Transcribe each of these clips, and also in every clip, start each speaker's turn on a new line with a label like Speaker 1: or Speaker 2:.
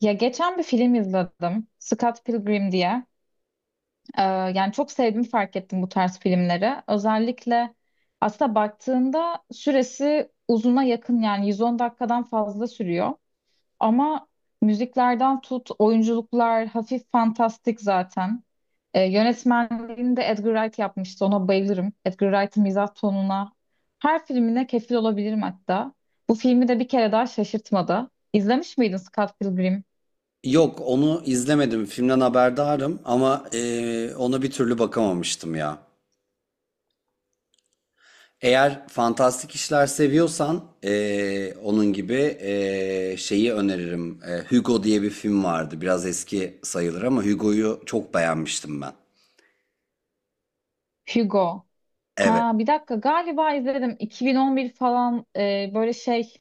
Speaker 1: Ya geçen bir film izledim. Scott Pilgrim diye. Yani çok sevdiğimi fark ettim bu tarz filmleri. Özellikle aslında baktığında süresi uzuna yakın, yani 110 dakikadan fazla sürüyor. Ama müziklerden tut, oyunculuklar hafif fantastik zaten. Yönetmenliğini de Edgar Wright yapmıştı. Ona bayılırım. Edgar Wright'ın mizah tonuna her filmine kefil olabilirim hatta. Bu filmi de bir kere daha şaşırtmadı. İzlemiş miydin Scott Pilgrim?
Speaker 2: Yok, onu izlemedim. Filmden haberdarım ama ona bir türlü bakamamıştım ya. Eğer fantastik işler seviyorsan onun gibi şeyi öneririm. Hugo diye bir film vardı. Biraz eski sayılır ama Hugo'yu çok beğenmiştim ben.
Speaker 1: Hugo.
Speaker 2: Evet.
Speaker 1: Ha bir dakika, galiba izledim 2011 falan, böyle şey,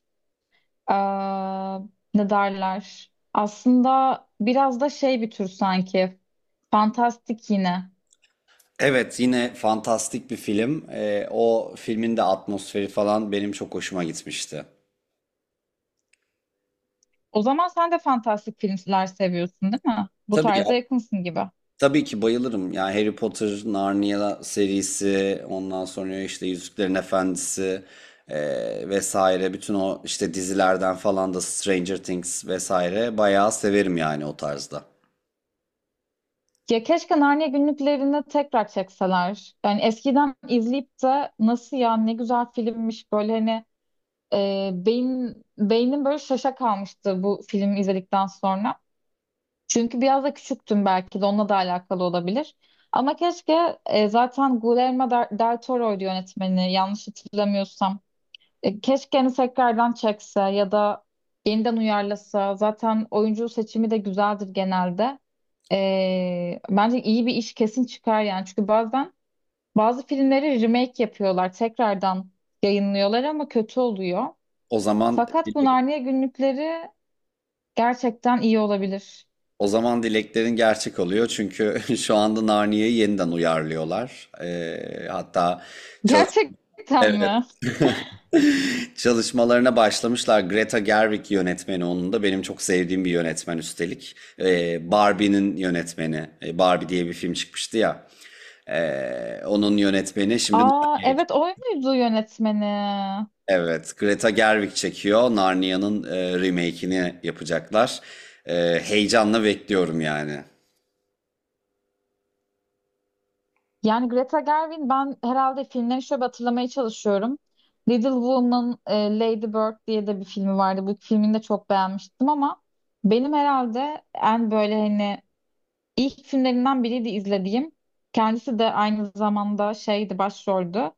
Speaker 1: aa, ne derler, aslında biraz da şey, bir tür sanki fantastik yine.
Speaker 2: Evet, yine fantastik bir film. O filmin de atmosferi falan benim çok hoşuma gitmişti.
Speaker 1: O zaman sen de fantastik filmler seviyorsun değil mi, bu
Speaker 2: Tabii ya.
Speaker 1: tarza yakınsın gibi.
Speaker 2: Tabii ki bayılırım. Yani Harry Potter, Narnia serisi, ondan sonra işte Yüzüklerin Efendisi, vesaire. Bütün o işte dizilerden falan da Stranger Things vesaire bayağı severim yani o tarzda.
Speaker 1: Ya keşke Narnia günlüklerini tekrar çekseler. Yani eskiden izleyip de nasıl ya, ne güzel filmmiş böyle hani. E, beyin beynim böyle şaşa kalmıştı bu filmi izledikten sonra. Çünkü biraz da küçüktüm, belki de onunla da alakalı olabilir. Ama keşke, zaten Guillermo del Toro'ydu yönetmeni yanlış hatırlamıyorsam. Keşke hani tekrardan çekse ya da yeniden uyarlasa. Zaten oyuncu seçimi de güzeldir genelde. Bence iyi bir iş kesin çıkar yani. Çünkü bazen bazı filmleri remake yapıyorlar. Tekrardan yayınlıyorlar ama kötü oluyor.
Speaker 2: O zaman
Speaker 1: Fakat bu
Speaker 2: dilek-
Speaker 1: Narnia günlükleri gerçekten iyi olabilir.
Speaker 2: o zaman dileklerin gerçek oluyor çünkü şu anda Narnia'yı yeniden uyarlıyorlar. Hatta çalış
Speaker 1: Gerçekten
Speaker 2: evet
Speaker 1: mi?
Speaker 2: çalışmalarına başlamışlar. Greta Gerwig yönetmeni onun da. Benim çok sevdiğim bir yönetmen üstelik. Barbie'nin yönetmeni. Barbie diye bir film çıkmıştı ya. Onun yönetmeni şimdi
Speaker 1: Aa evet, o muydu yönetmeni?
Speaker 2: Evet, Greta Gerwig çekiyor. Narnia'nın remake'ini yapacaklar. Heyecanla bekliyorum yani.
Speaker 1: Yani Greta Gerwig, ben herhalde filmlerini şöyle bir hatırlamaya çalışıyorum. Little Woman, Lady Bird diye de bir filmi vardı. Bu filmini de çok beğenmiştim ama benim herhalde en böyle hani ilk filmlerinden biriydi izlediğim. Kendisi de aynı zamanda şeydi, başroldü.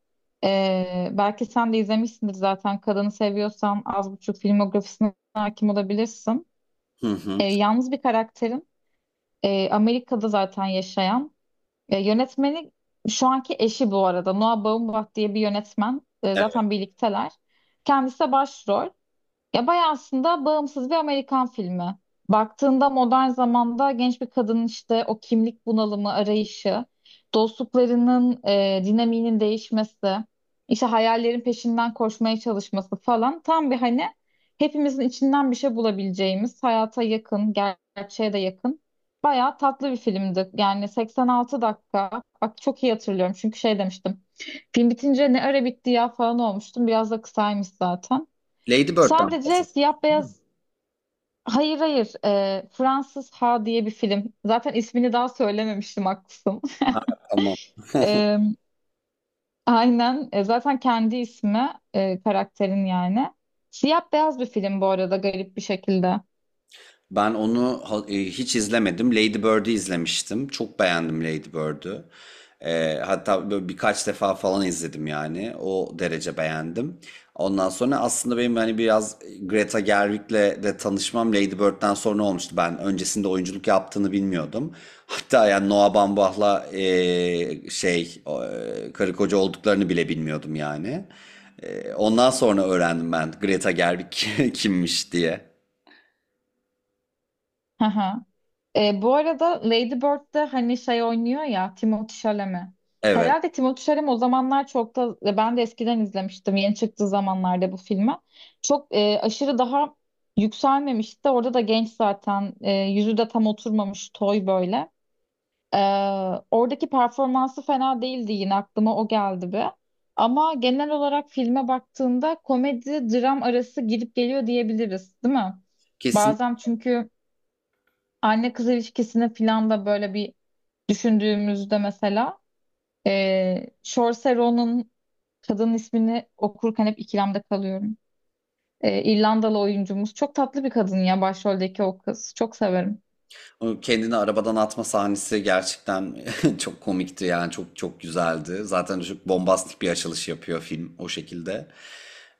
Speaker 1: Belki sen de izlemişsindir zaten. Kadını seviyorsan az buçuk filmografisine hakim olabilirsin.
Speaker 2: Hı hı.
Speaker 1: Yalnız bir karakterin, Amerika'da zaten yaşayan. Ya yönetmeni şu anki eşi bu arada. Noah Baumbach diye bir yönetmen.
Speaker 2: Evet.
Speaker 1: Zaten birlikteler. Kendisi de başrol. Ya bayağı aslında bağımsız bir Amerikan filmi. Baktığında modern zamanda genç bir kadının işte o kimlik bunalımı, arayışı, dostluklarının dinamiğinin değişmesi, işte hayallerin peşinden koşmaya çalışması falan, tam bir hani hepimizin içinden bir şey bulabileceğimiz, hayata yakın, gerçeğe de yakın. Bayağı tatlı bir filmdi. Yani 86 dakika. Bak çok iyi hatırlıyorum çünkü şey demiştim. Film bitince "ne ara bitti ya" falan olmuştum. Biraz da kısaymış zaten.
Speaker 2: Lady Bird'den
Speaker 1: Sadece siyah beyaz. Hayır hayır, Fransız Ha diye bir film. Zaten ismini daha söylememiştim, haklısın.
Speaker 2: ama
Speaker 1: E, aynen. Zaten kendi ismi, karakterin yani. Siyah beyaz bir film bu arada, garip bir şekilde.
Speaker 2: Ben onu ha- e, hiç izlemedim. Lady Bird'ü izlemiştim. Çok beğendim Lady Bird'ü. Hatta böyle birkaç defa falan izledim yani. O derece beğendim. Ondan sonra aslında benim hani biraz Greta Gerwig'le de tanışmam Lady Bird'den sonra olmuştu. Ben öncesinde oyunculuk yaptığını bilmiyordum. Hatta yani Noah Baumbach'la karı koca olduklarını bile bilmiyordum yani. Ondan sonra öğrendim ben Greta Gerwig kimmiş diye.
Speaker 1: Hı hı. Bu arada Lady Bird'de hani şey oynuyor ya, Timothée Chalamet.
Speaker 2: Evet.
Speaker 1: Herhalde Timothée Chalamet o zamanlar çok da, ben de eskiden izlemiştim yeni çıktığı zamanlarda bu filmi. Çok, aşırı daha yükselmemişti. Orada da genç zaten, yüzü de tam oturmamış, toy böyle. E, Oradaki performansı fena değildi, yine aklıma o geldi bir. Ama genel olarak filme baktığında komedi dram arası gidip geliyor diyebiliriz, değil mi? Bazen çünkü anne kız ilişkisine falan da böyle bir düşündüğümüzde, mesela Saoirse Ronan'ın, kadın ismini okurken hep ikilemde kalıyorum. İrlandalı oyuncumuz. Çok tatlı bir kadın ya, başroldeki o kız. Çok severim.
Speaker 2: O kendini arabadan atma sahnesi gerçekten çok komikti yani çok çok güzeldi. Zaten çok bombastik bir açılış yapıyor film o şekilde.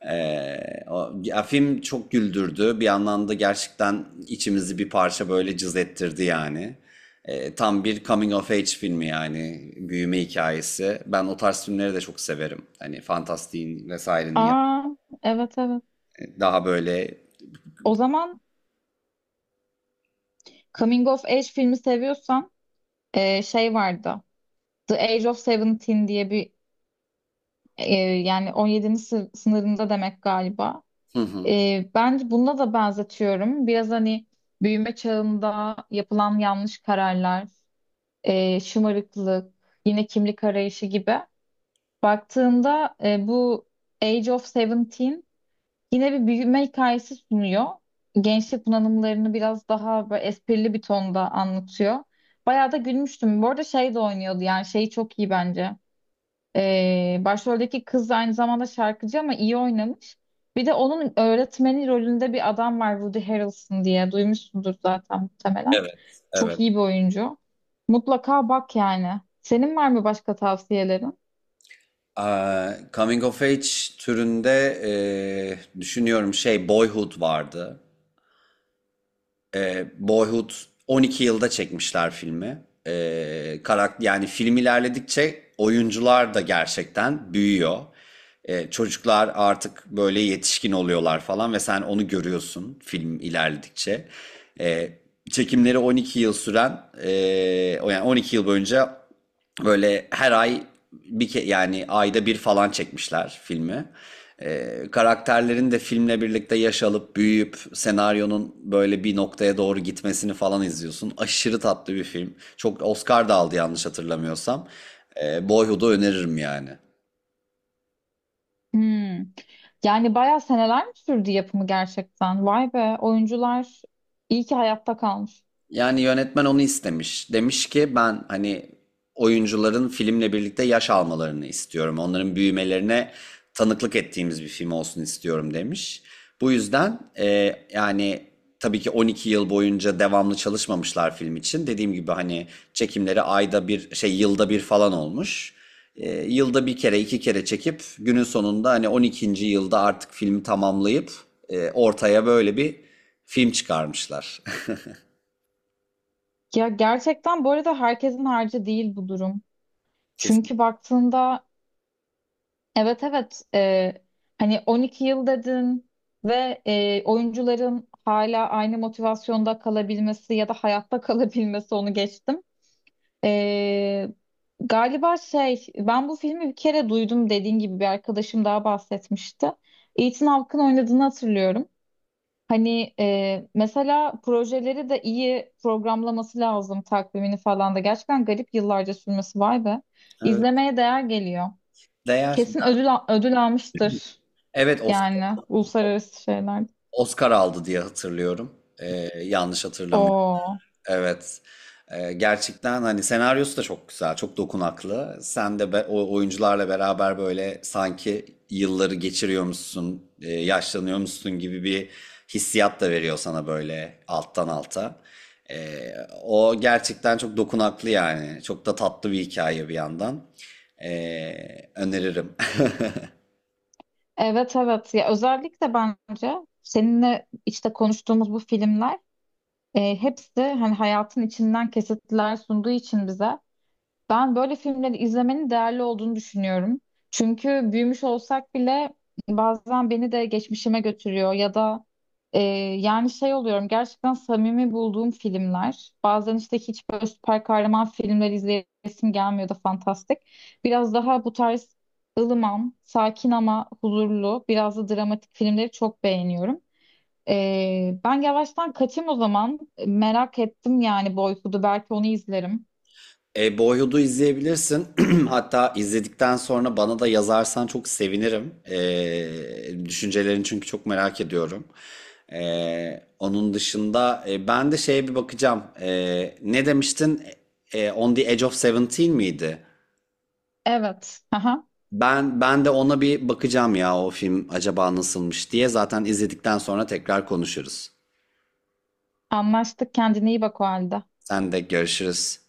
Speaker 2: Ya film çok güldürdü. Bir yandan da gerçekten içimizi bir parça böyle cız ettirdi yani. Tam bir coming of age filmi yani büyüme hikayesi. Ben o tarz filmleri de çok severim.
Speaker 1: Aa evet evet.
Speaker 2: Daha böyle.
Speaker 1: O zaman Coming of Age filmi seviyorsan, şey vardı. The Age of Seventeen diye bir, e, yani sınırında demek galiba.
Speaker 2: Hı hı.
Speaker 1: Ben bunda da benzetiyorum. Biraz hani büyüme çağında yapılan yanlış kararlar, şımarıklık, yine kimlik arayışı gibi. Baktığında bu Age of Seventeen yine bir büyüme hikayesi sunuyor. Gençlik bunalımlarını biraz daha böyle esprili bir tonda anlatıyor. Bayağı da gülmüştüm. Bu arada şey de oynuyordu yani, şeyi çok iyi bence. Başroldeki kız aynı zamanda şarkıcı ama iyi oynamış. Bir de onun öğretmeni rolünde bir adam var, Woody Harrelson diye, duymuşsundur zaten muhtemelen.
Speaker 2: Evet,
Speaker 1: Çok
Speaker 2: evet.
Speaker 1: iyi bir oyuncu. Mutlaka bak yani. Senin var mı başka tavsiyelerin?
Speaker 2: Aa, coming of age türünde düşünüyorum şey Boyhood vardı. E, Boyhood 12 yılda çekmişler filmi. E, karakter yani film ilerledikçe oyuncular da gerçekten büyüyor. Çocuklar artık böyle yetişkin oluyorlar falan ve sen onu görüyorsun film ilerledikçe. E, çekimleri 12 yıl süren e, o yani 12 yıl boyunca böyle her ay bir ke yani ayda bir falan çekmişler filmi. Karakterlerin de filmle birlikte yaş alıp büyüyüp senaryonun böyle bir noktaya doğru gitmesini falan izliyorsun. Aşırı tatlı bir film. Çok Oscar da aldı yanlış hatırlamıyorsam. Boyhood'u öneririm yani.
Speaker 1: Hmm. Yani bayağı seneler mi sürdü yapımı gerçekten? Vay be, oyuncular iyi ki hayatta kalmış.
Speaker 2: Yani yönetmen onu istemiş. Demiş ki ben hani oyuncuların filmle birlikte yaş almalarını istiyorum. Onların büyümelerine tanıklık ettiğimiz bir film olsun istiyorum demiş. Bu yüzden yani tabii ki 12 yıl boyunca devamlı çalışmamışlar film için. Dediğim gibi hani çekimleri ayda bir şey yılda bir falan olmuş. Yılda bir kere iki kere çekip günün sonunda hani 12'nci yılda artık filmi tamamlayıp ortaya böyle bir film çıkarmışlar.
Speaker 1: Ya gerçekten bu arada herkesin harcı değil bu durum.
Speaker 2: Kesin.
Speaker 1: Çünkü baktığında, evet evet. Hani 12 yıl dedin ve oyuncuların hala aynı motivasyonda kalabilmesi ya da hayatta kalabilmesi, onu geçtim. Ee, Galiba şey, ben bu filmi bir kere duydum, dediğin gibi bir arkadaşım daha bahsetmişti. Ethan Hawke'ın oynadığını hatırlıyorum. Hani mesela projeleri de iyi programlaması lazım, takvimini falan da. Gerçekten garip, yıllarca sürmesi, vay be.
Speaker 2: Evet.
Speaker 1: İzlemeye değer geliyor.
Speaker 2: Değer.
Speaker 1: Kesin ödül, ödül almıştır.
Speaker 2: Evet, Oscar,
Speaker 1: Yani uluslararası şeyler.
Speaker 2: Oscar aldı diye hatırlıyorum. Yanlış hatırlamıyorum.
Speaker 1: Oo.
Speaker 2: Evet. Gerçekten hani senaryosu da çok güzel, çok dokunaklı. O oyuncularla beraber böyle sanki yılları geçiriyormuşsun, yaşlanıyormuşsun gibi bir hissiyat da veriyor sana böyle alttan alta. Ee, o gerçekten çok dokunaklı yani. Çok da tatlı bir hikaye bir yandan. Öneririm.
Speaker 1: Evet evet. Ya özellikle bence seninle işte konuştuğumuz bu filmler, hepsi hani hayatın içinden kesitler sunduğu için bize. Ben böyle filmleri izlemenin değerli olduğunu düşünüyorum. Çünkü büyümüş olsak bile bazen beni de geçmişime götürüyor ya da, e, yani şey oluyorum gerçekten samimi bulduğum filmler. Bazen işte hiç böyle süper kahraman filmleri izleyesim gelmiyor da, fantastik. Biraz daha bu tarz ılıman, sakin ama huzurlu, biraz da dramatik filmleri çok beğeniyorum. Ben yavaştan kaçayım o zaman. Merak ettim yani Boyhood'u. Belki onu izlerim.
Speaker 2: Boyhood'u izleyebilirsin. Hatta izledikten sonra bana da yazarsan çok sevinirim. Düşüncelerini çünkü çok merak ediyorum. Onun dışında ben de şeye bir bakacağım. Ne demiştin? On the Edge of Seventeen miydi?
Speaker 1: Evet. Aha.
Speaker 2: Ben de ona bir bakacağım ya o film acaba nasılmış diye. Zaten izledikten sonra tekrar konuşuruz.
Speaker 1: Anlaştık. Kendine iyi bak o halde.
Speaker 2: Sen de görüşürüz.